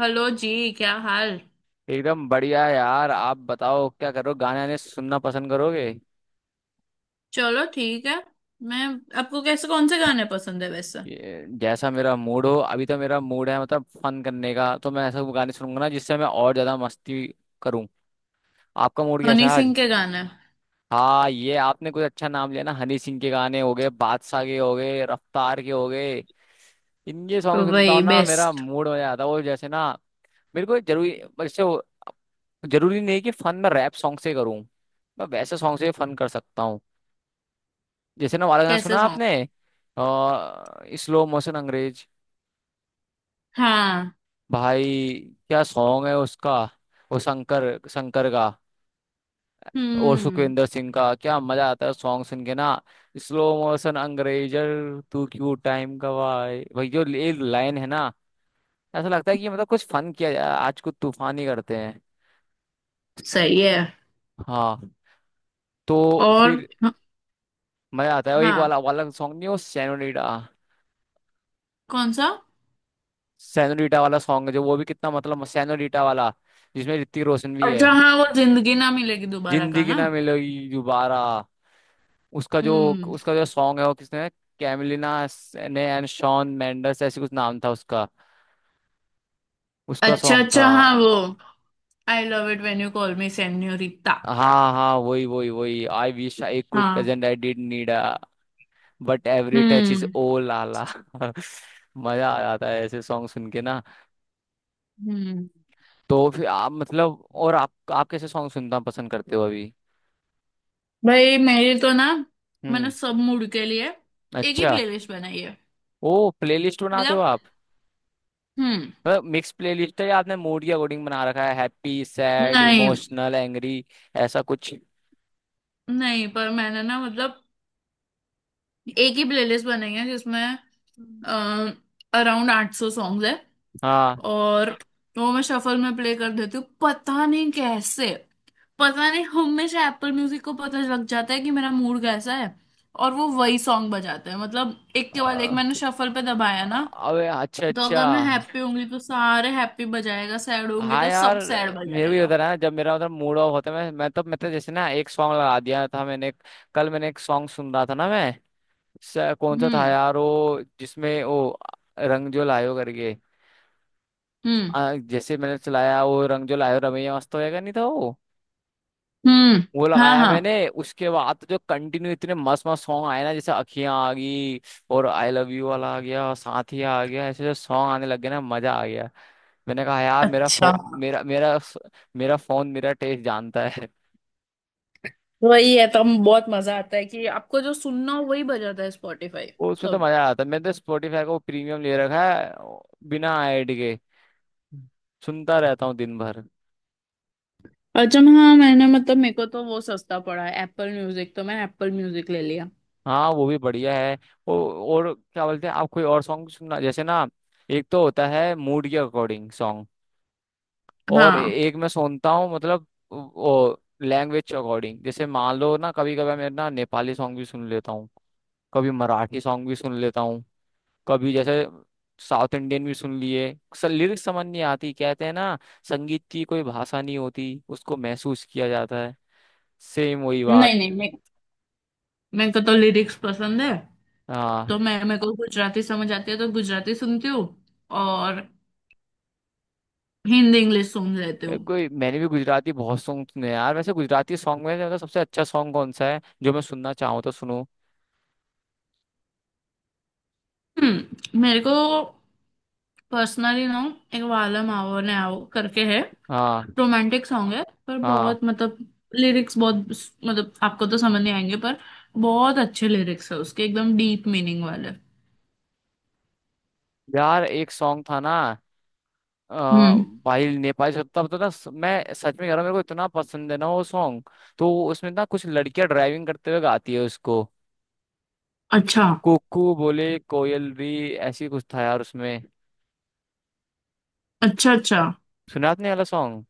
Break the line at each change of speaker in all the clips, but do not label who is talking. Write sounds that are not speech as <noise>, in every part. Hello जी। क्या हाल।
एकदम बढ़िया यार। आप बताओ क्या करो, गाने आने सुनना पसंद करोगे?
चलो ठीक है। मैं आपको कैसे कौन से गाने पसंद है वैसे।
जैसा मेरा मूड हो। अभी तो मेरा मूड है मतलब फन करने का, तो मैं ऐसा गाने सुनूंगा ना जिससे मैं और ज्यादा मस्ती करूँ। आपका मूड कैसा
हनी
है
सिंह
आज?
के गाने।
हाँ, ये आपने कुछ अच्छा नाम लिया ना। हनी सिंह के गाने हो गए, बादशाह के हो गए, रफ्तार के हो गए। इनके सॉन्ग सुनता हूँ
वही
ना, मेरा
बेस्ट।
मूड हो जाता है, वो जैसे ना। मेरे को जरूरी वैसे वो- जरूरी नहीं कि फन मैं रैप सॉन्ग से करूँ। मैं वैसे सॉन्ग से फन कर सकता हूँ। जैसे ना वाला गाना सुना
कैसे सॉन्ग।
आपने, स्लो मोशन अंग्रेज?
हाँ।
भाई क्या सॉन्ग है उसका। वो शंकर शंकर का और
हम्म।
सुखविंदर सिंह का, क्या मजा आता है सॉन्ग सुन के ना। स्लो मोशन अंग्रेजर तू क्यों टाइम गवाए भाई, जो ये लाइन है ना, ऐसा लगता है कि मतलब कुछ फन किया जाए, आज कुछ तूफान ही करते हैं।
सही है।
हाँ। तो
और।
फिर मजा आता है, वो एक
हाँ।
वाला वाला सॉन्ग नहीं, वो सैनोरीटा।
कौन सा।
सैनोरीटा वाला सॉन्ग है जो, वो भी कितना मतलब सैनोरीटा वाला, जिसमें ऋतिक रोशन भी है।
अच्छा हाँ वो जिंदगी ना मिलेगी दोबारा का
जिंदगी
ना।
ना मिलेगी दोबारा, उसका जो,
हम्म।
उसका जो सॉन्ग है वो किसने, कैमिलिना ने एंड शॉन मेंडेस, ऐसे कुछ नाम था उसका। उसका
अच्छा
सॉन्ग था।
अच्छा हाँ वो। I love it when you call me senorita.
हाँ हाँ, वही वही वही। आई विश आई कुड
हाँ।
Present I did need a but every touch is
hmm.
Oh लाला। <laughs> मजा आ जाता है ऐसे सॉन्ग सुन के ना।
हम्म।
तो फिर आप मतलब, और आप कैसे सॉन्ग सुनना पसंद करते हो अभी?
भाई मेरी तो ना मैंने
हम्म।
सब मूड के लिए एक ही
अच्छा,
प्लेलिस्ट बनाई है।
ओ प्लेलिस्ट बनाते हो
मतलब।
आप?
हम्म।
मतलब मिक्स प्लेलिस्ट है, या आपने मूड के अकॉर्डिंग बना रखा है, हैप्पी, सैड,
नहीं
इमोशनल, एंग्री, ऐसा कुछ?
नहीं, पर मैंने ना मतलब एक ही प्लेलिस्ट बनाई है जिसमें
हम्म।
अराउंड 800 सॉन्ग्स है।
हाँ।
और वो मैं शफल में प्ले कर देती हूँ, पता नहीं कैसे। पता नहीं हमेशा एप्पल म्यूजिक को पता लग जाता है कि मेरा मूड कैसा है। और वो वही सॉन्ग बजाते हैं, मतलब एक के बाद एक
अ-
मैंने शफल पे दबाया ना।
अबे अच्छा
तो
अच्छा।
अगर मैं हैप्पी होंगी तो सारे हैप्पी बजाएगा, सैड होंगी
हाँ
तो
यार,
सब सैड
मेरे भी
बजाएगा।
उधर है ना, जब मेरा उधर मूड ऑफ होता है, मैं तो जैसे ना एक सॉन्ग लगा दिया था मैंने। कल मैंने एक सॉन्ग सुन रहा था ना मैं, कौन सा था
हम्म।
यार वो, जिसमें वो रंग जो लायो करके,
हम्म।
जैसे मैंने चलाया वो रंग जो लायो रमैया, मस्त होएगा नहीं था वो।
हम्म।
वो
हाँ
लगाया
हाँ।
मैंने, उसके बाद तो जो कंटिन्यू इतने मस्त मस्त सॉन्ग आए ना, जैसे अखियां आ गई, और आई लव यू वाला आ गया, साथिया आ गया, ऐसे जो सॉन्ग आने लग गए ना, मजा आ गया। मैंने कहा यार,
अच्छा।
मेरा फोन मेरा टेस्ट जानता है। <laughs>
वही है, तब बहुत मजा आता है कि आपको जो सुनना हो वही बजाता है स्पॉटिफाई।
वो उसमें तो
तब।
मजा आता है। मैंने तो स्पॉटिफाई का वो प्रीमियम ले रखा है, बिना ऐड के सुनता रहता हूँ दिन भर।
अच्छा मैं- हाँ मैंने, मतलब मेरे को तो वो सस्ता पड़ा है एप्पल म्यूजिक, तो मैं एप्पल म्यूजिक ले लिया।
हाँ, वो भी बढ़िया है। ओ, और क्या बोलते हैं आप, कोई और सॉन्ग सुनना जैसे ना, एक तो होता है मूड के अकॉर्डिंग, और
हाँ।
एक मैं सुनता हूँ मतलब वो लैंग्वेज के अकॉर्डिंग। जैसे मान लो ना, कभी कभी मैं ना नेपाली सॉन्ग भी सुन लेता हूँ, कभी मराठी सॉन्ग भी सुन लेता हूँ, कभी जैसे साउथ इंडियन भी सुन लिए। लिरिक्स समझ नहीं आती। कहते हैं ना, संगीत की कोई भाषा नहीं होती, उसको महसूस किया जाता है, सेम वही बात।
नहीं नहीं, मे मेरे को तो लिरिक्स पसंद है।
हाँ।
तो मैं, मेरे को गुजराती समझ आती है तो गुजराती सुनती हूँ। और हिंदी इंग्लिश सुन लेती हूँ।
कोई मैंने भी गुजराती बहुत सॉन्ग सुने हैं यार। वैसे गुजराती सॉन्ग में मतलब सबसे अच्छा सॉन्ग कौन सा है जो मैं सुनना चाहूँ तो सुनूँ?
मेरे को पर्सनली ना एक वालम आओ ने आओ करके है।
हाँ।
रोमांटिक सॉन्ग है, पर
हाँ
बहुत मतलब लिरिक्स बहुत, मतलब आपको तो समझ नहीं आएंगे, पर बहुत अच्छे लिरिक्स है उसके एकदम डीप मीनिंग वाले।
यार, एक सॉन्ग था ना, अ,
हम्म।
भाई नेपाली सत्ता पता ना, मैं सच में कह रहा हूँ, मेरे को इतना पसंद है ना वो सॉन्ग। तो उसमें ना कुछ लड़कियां ड्राइविंग करते हुए गाती है उसको,
अच्छा
कुकू बोले कोयल री, ऐसी कुछ था यार उसमें।
अच्छा। अच्छा
सुना आपने ये वाला सॉन्ग?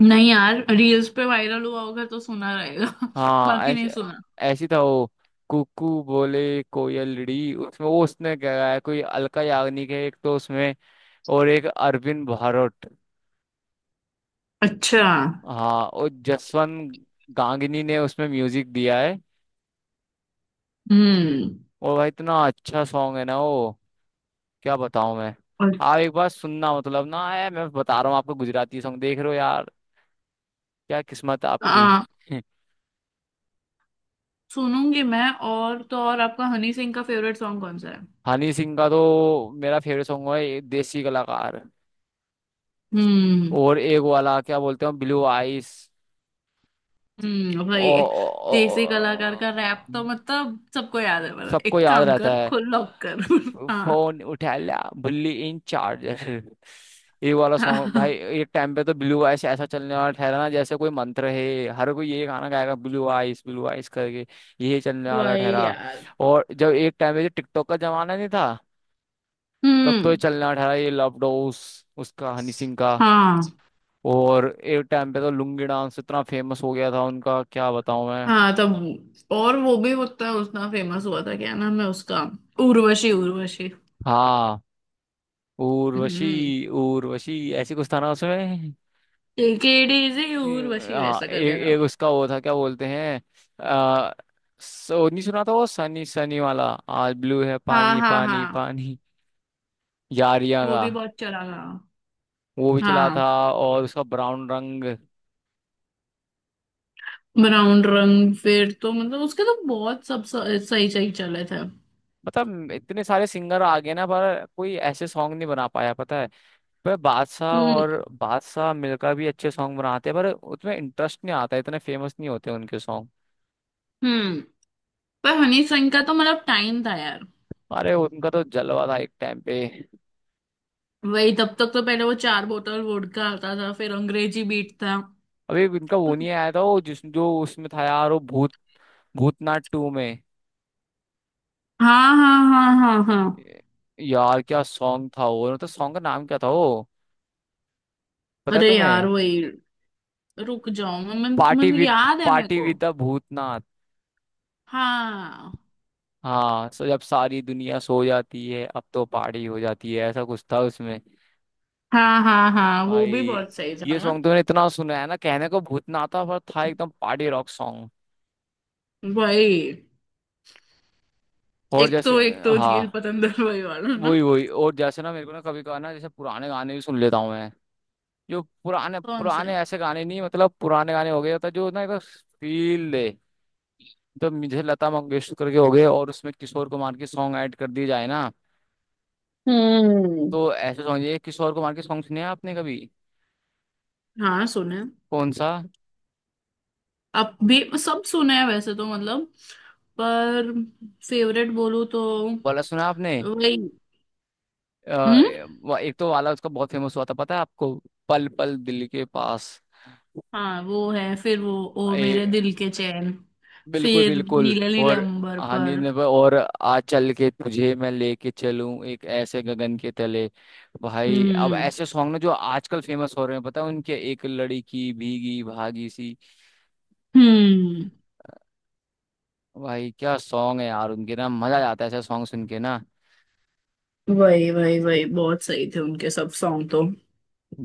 नहीं यार, रील्स पे वायरल हुआ होगा तो सुना रहेगा <laughs>
हाँ,
बाकी नहीं
ऐसे
सुना।
ऐसी था वो। कुकू बोले कोयल री, उसमें वो उसने क्या गाया है, कोई अलका याग्निक है एक तो उसमें, और एक अरविंद भारोट,
अच्छा।
हाँ, और जसवंत गांगनी ने उसमें म्यूजिक दिया है।
हम्म।
और भाई, इतना अच्छा सॉन्ग है ना वो, क्या बताऊं मैं।
और-
आप एक बार सुनना, मतलब ना है, मैं बता रहा हूँ आपको, गुजराती सॉन्ग देख रहे हो यार, क्या किस्मत आपकी।
आ
<laughs>
सुनूंगी मैं। और तो और, आपका हनी सिंह का फेवरेट सॉन्ग कौन सा है।
हनी सिंह का तो मेरा फेवरेट सॉन्ग है ये, देसी कलाकार,
हम्म।
और एक वाला क्या बोलते हैं, ब्लू आइस। ओ,
भाई।
ओ, ओ,
देसी कलाकार का
ओ-
रैप तो मतलब सबको याद है, मतलब
सबको
एक
याद
काम
रहता,
कर खुद लॉक कर <laughs> हाँ।
फोन उठा लिया बुल्ली इन चार्ज, ये वाला सॉन्ग भाई।
हाँ।
एक टाइम पे तो ब्लू आइस ऐसा चलने वाला ठहरा ना, जैसे कोई मंत्र है, हर कोई ये गाना गाएगा, ब्लू आइस करके, ये चलने वाला
भाई
ठहरा।
यार।
और जब एक टाइम पे, जो टिकटॉक का जमाना नहीं था, तब तो
हम्म।
ये चलने वाला ठहरा, ये लव डोस, उसका हनी सिंह का।
हाँ
और एक टाइम पे तो लुंगी डांस इतना फेमस हो गया था उनका, क्या बताऊं मैं।
हाँ, तब और वो भी उतना उतना फेमस हुआ था। क्या नाम है उसका। उर्वशी उर्वशी।
हाँ,
हम्म।
उर्वशी उर्वशी, ऐसे कुछ था ना उसमें।
टेक इट इजी उर्वशी
हाँ,
वैसा करके था।
एक उसका वो था क्या बोलते हैं, आ, सो नहीं सुना था वो, सनी सनी वाला, आज ब्लू है
हाँ
पानी
हाँ
पानी
हाँ
पानी, यारियां
वो
का।
भी बहुत चला था।
वो भी चला था,
हाँ।
और उसका ब्राउन रंग।
ब्राउन रंग फिर तो मतलब उसके तो बहुत सब स- सही सही चले थे।
मतलब इतने सारे सिंगर आ गए ना, पर कोई ऐसे सॉन्ग नहीं बना पाया पता है। पर बादशाह
हम्म।
और बादशाह मिलकर भी अच्छे सॉन्ग बनाते हैं, पर उसमें इंटरेस्ट नहीं आता, इतने फेमस नहीं होते उनके सॉन्ग।
हम्म। पर हनी सिंह का तो मतलब टाइम था यार।
अरे उनका तो जलवा था एक टाइम पे।
वही तब तक तो, पहले वो चार बोतल वोडका आता था फिर अंग्रेजी बीट था।
अभी उनका वो नहीं आया था, वो जिस जो उसमें था यार, वो भूत, भूतनाथ टू में।
हाँ हाँ हाँ हाँ हाँ।
यार क्या सॉन्ग था वो, मतलब सॉन्ग का नाम क्या था वो, पता है
अरे यार
तुम्हें?
वही। रुक जाओ मैं तुम्हें, याद है मेरे
पार्टी
को।
With the Bhootnath.
हाँ।
हाँ, सो जब सारी दुनिया सो जाती है, अब तो पार्टी हो जाती है, ऐसा कुछ था उसमें।
हाँ हाँ हाँ वो भी
भाई,
बहुत सही था
ये
ना।
सॉन्ग तुमने इतना सुना है ना, कहने को भूतनाथ था पर था एकदम पार्टी रॉक सॉन्ग।
वही।
और जैसे,
एक तो
हाँ
झील पतंदर वही वाला ना।
वही वही, और जैसे ना मेरे को ना कभी कभार ना, जैसे पुराने गाने भी सुन लेता हूँ मैं, जो पुराने
कौन से।
पुराने ऐसे गाने नहीं मतलब, पुराने गाने हो गए, होता जो ना एक फील दे, तो मुझे लता मंगेशकर के हो गए, और उसमें किशोर कुमार के सॉन्ग ऐड कर दिए जाए ना,
हम्म।
तो ऐसे सॉन्ग, ये किशोर कुमार के सॉन्ग सुने हैं आपने कभी?
हाँ सुने।
कौन सा
अब भी सब सुने हैं वैसे तो, मतलब पर फेवरेट बोलूँ तो
वाला सुना आपने?
वही। हम्म।
अ, एक तो वाला उसका बहुत फेमस हुआ था पता है आपको, पल पल दिल के पास।
हाँ वो है। फिर वो ओ मेरे
ए,
दिल के चैन।
बिल्कुल
फिर
बिल्कुल,
नीले नीले
और
अंबर
हाँ,
पर।
और आज चल के तुझे मैं लेके चलूं एक ऐसे गगन के तले। भाई, अब
हम्म।
ऐसे सॉन्ग ना जो आजकल फेमस हो रहे हैं पता है उनके, एक लड़की भीगी भागी सी,
हम्म।
भाई क्या सॉन्ग है यार उनके ना, मजा आ जाता है ऐसे सॉन्ग सुन के ना।
वही वही वही, बहुत सही थे उनके सब सॉन्ग तो।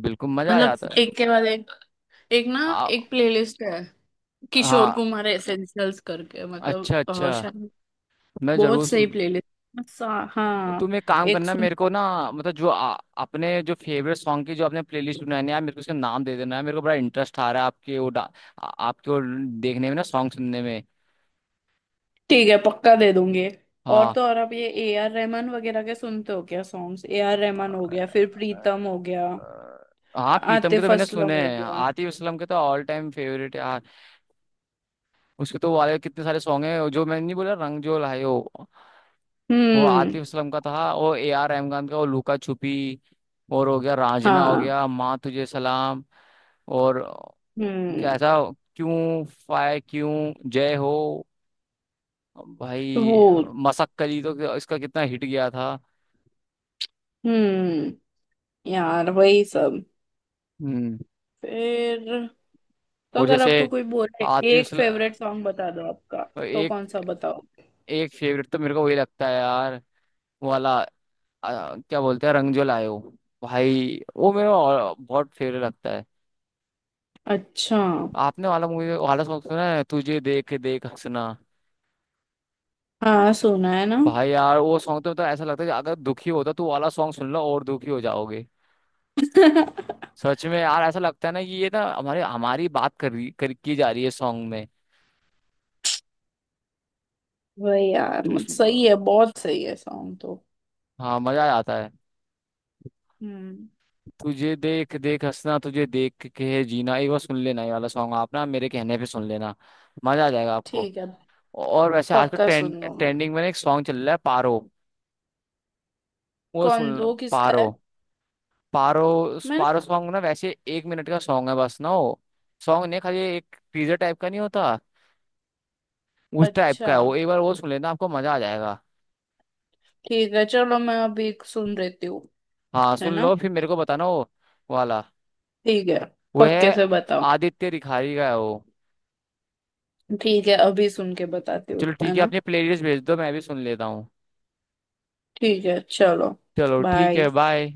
बिल्कुल मजा आ
मतलब
जाता है।
एक के बाद एक एक ना
आ,
एक प्लेलिस्ट है, किशोर
हाँ,
कुमार एसेंशियल्स करके, मतलब
अच्छा
अ,
अच्छा,
शायद
मैं
बहुत
जरूर
सही
सुन।
प्लेलिस्ट। हाँ
तुम
हाँ,
एक काम
एक
करना
सुन।
मेरे को ना, मतलब जो अपने जो फेवरेट सॉन्ग की जो आपने प्लेलिस्ट बनानी है यार, मेरे को उसका नाम दे देना, है मेरे को बड़ा इंटरेस्ट आ रहा है आपके वो आपके वो देखने में ना, सॉन्ग सुनने में।
ठीक है, पक्का दे दूंगी। और
हाँ,
तो और, अब ये A R रहमान वगैरह के सुनते हो क्या सॉन्ग्स। A R रहमान हो गया, फिर
अ-
प्रीतम हो गया,
अ- हाँ, पीतम के तो
आतिफ
मैंने
असलम
सुने
हो
हैं,
गया।
आतिफ असलम के तो ऑल टाइम फेवरेट यार। उसके तो वाले कितने सारे सॉन्ग हैं, जो मैंने नहीं बोला रंग जो लाए हो, वो
हम्म।
आतिफ असलम का था, वो ए आर रहमान का वो लुका छुपी, और हो गया रांझना, हो
हाँ।
गया माँ तुझे सलाम, और
हम्म।
कैसा क्यों फाय क्यों, जय हो,
वो।
भाई मसक्कली तो, इसका कितना हिट गया था।
हम्म। यार वही सब।
हम्म।
फिर, तो
और
अगर
जैसे
आपको कोई बोले
आतिफ
एक
असलम,
फेवरेट सॉन्ग बता दो आपका, तो
एक,
कौन सा बताओ।
एक फेवरेट तो मेरे को वही लगता है यार, वो वाला, क्या बोलते हैं, रंग जो लायो। भाई वो मेरा और बहुत फेवरेट लगता है।
अच्छा।
आपने वाला मूवी वाला सॉन्ग सुना है, तुझे देख देख हंसना?
हाँ सुना है ना।
भाई यार वो सॉन्ग तो मतलब, ऐसा लगता है कि अगर दुखी होता तो वो वाला सॉन्ग सुन लो और दुखी हो जाओगे। सच में यार ऐसा लगता है ना कि ये ना हमारे हमारी बात कर की जा रही है सॉन्ग में।
वही यार,
तो उस,
सही है, बहुत सही है सॉन्ग तो।
हाँ मजा आ जाता है।
हम्म।
तुझे देख देख हंसना, तुझे देख के है जीना, ये वो सुन लेना, ये वाला सॉन्ग आप ना मेरे कहने पे सुन लेना, मजा आ जाएगा आपको।
ठीक है,
और वैसे आजकल
पक्का सुन लूंगी।
ट्रेंडिंग में ना एक सॉन्ग चल रहा है, पारो। वो सुन
कौन,
लो,
वो किसका
पारो,
है।
पारो। उस
मैं।
पारो सॉन्ग ना, वैसे 1 मिनट का सॉन्ग है बस ना, वो सॉन्ग नहीं, खाली एक टीजर टाइप का नहीं होता, उस टाइप का
अच्छा।
है वो। एक बार वो सुन लेना आपको मजा आ जाएगा।
ठीक है चलो, मैं अभी एक सुन लेती हूँ।
हाँ
है
सुन
ना।
लो, फिर मेरे को बताना वो वाला।
ठीक है,
वो
पक्के
है,
से बताओ।
आदित्य रिखारी का है वो।
ठीक है, अभी सुन के बताती हूँ,
चलो
है
ठीक है,
ना।
अपनी प्लेलिस्ट भेज दो मैं भी सुन लेता हूँ।
ठीक है चलो।
चलो ठीक
बाय।
है, बाय।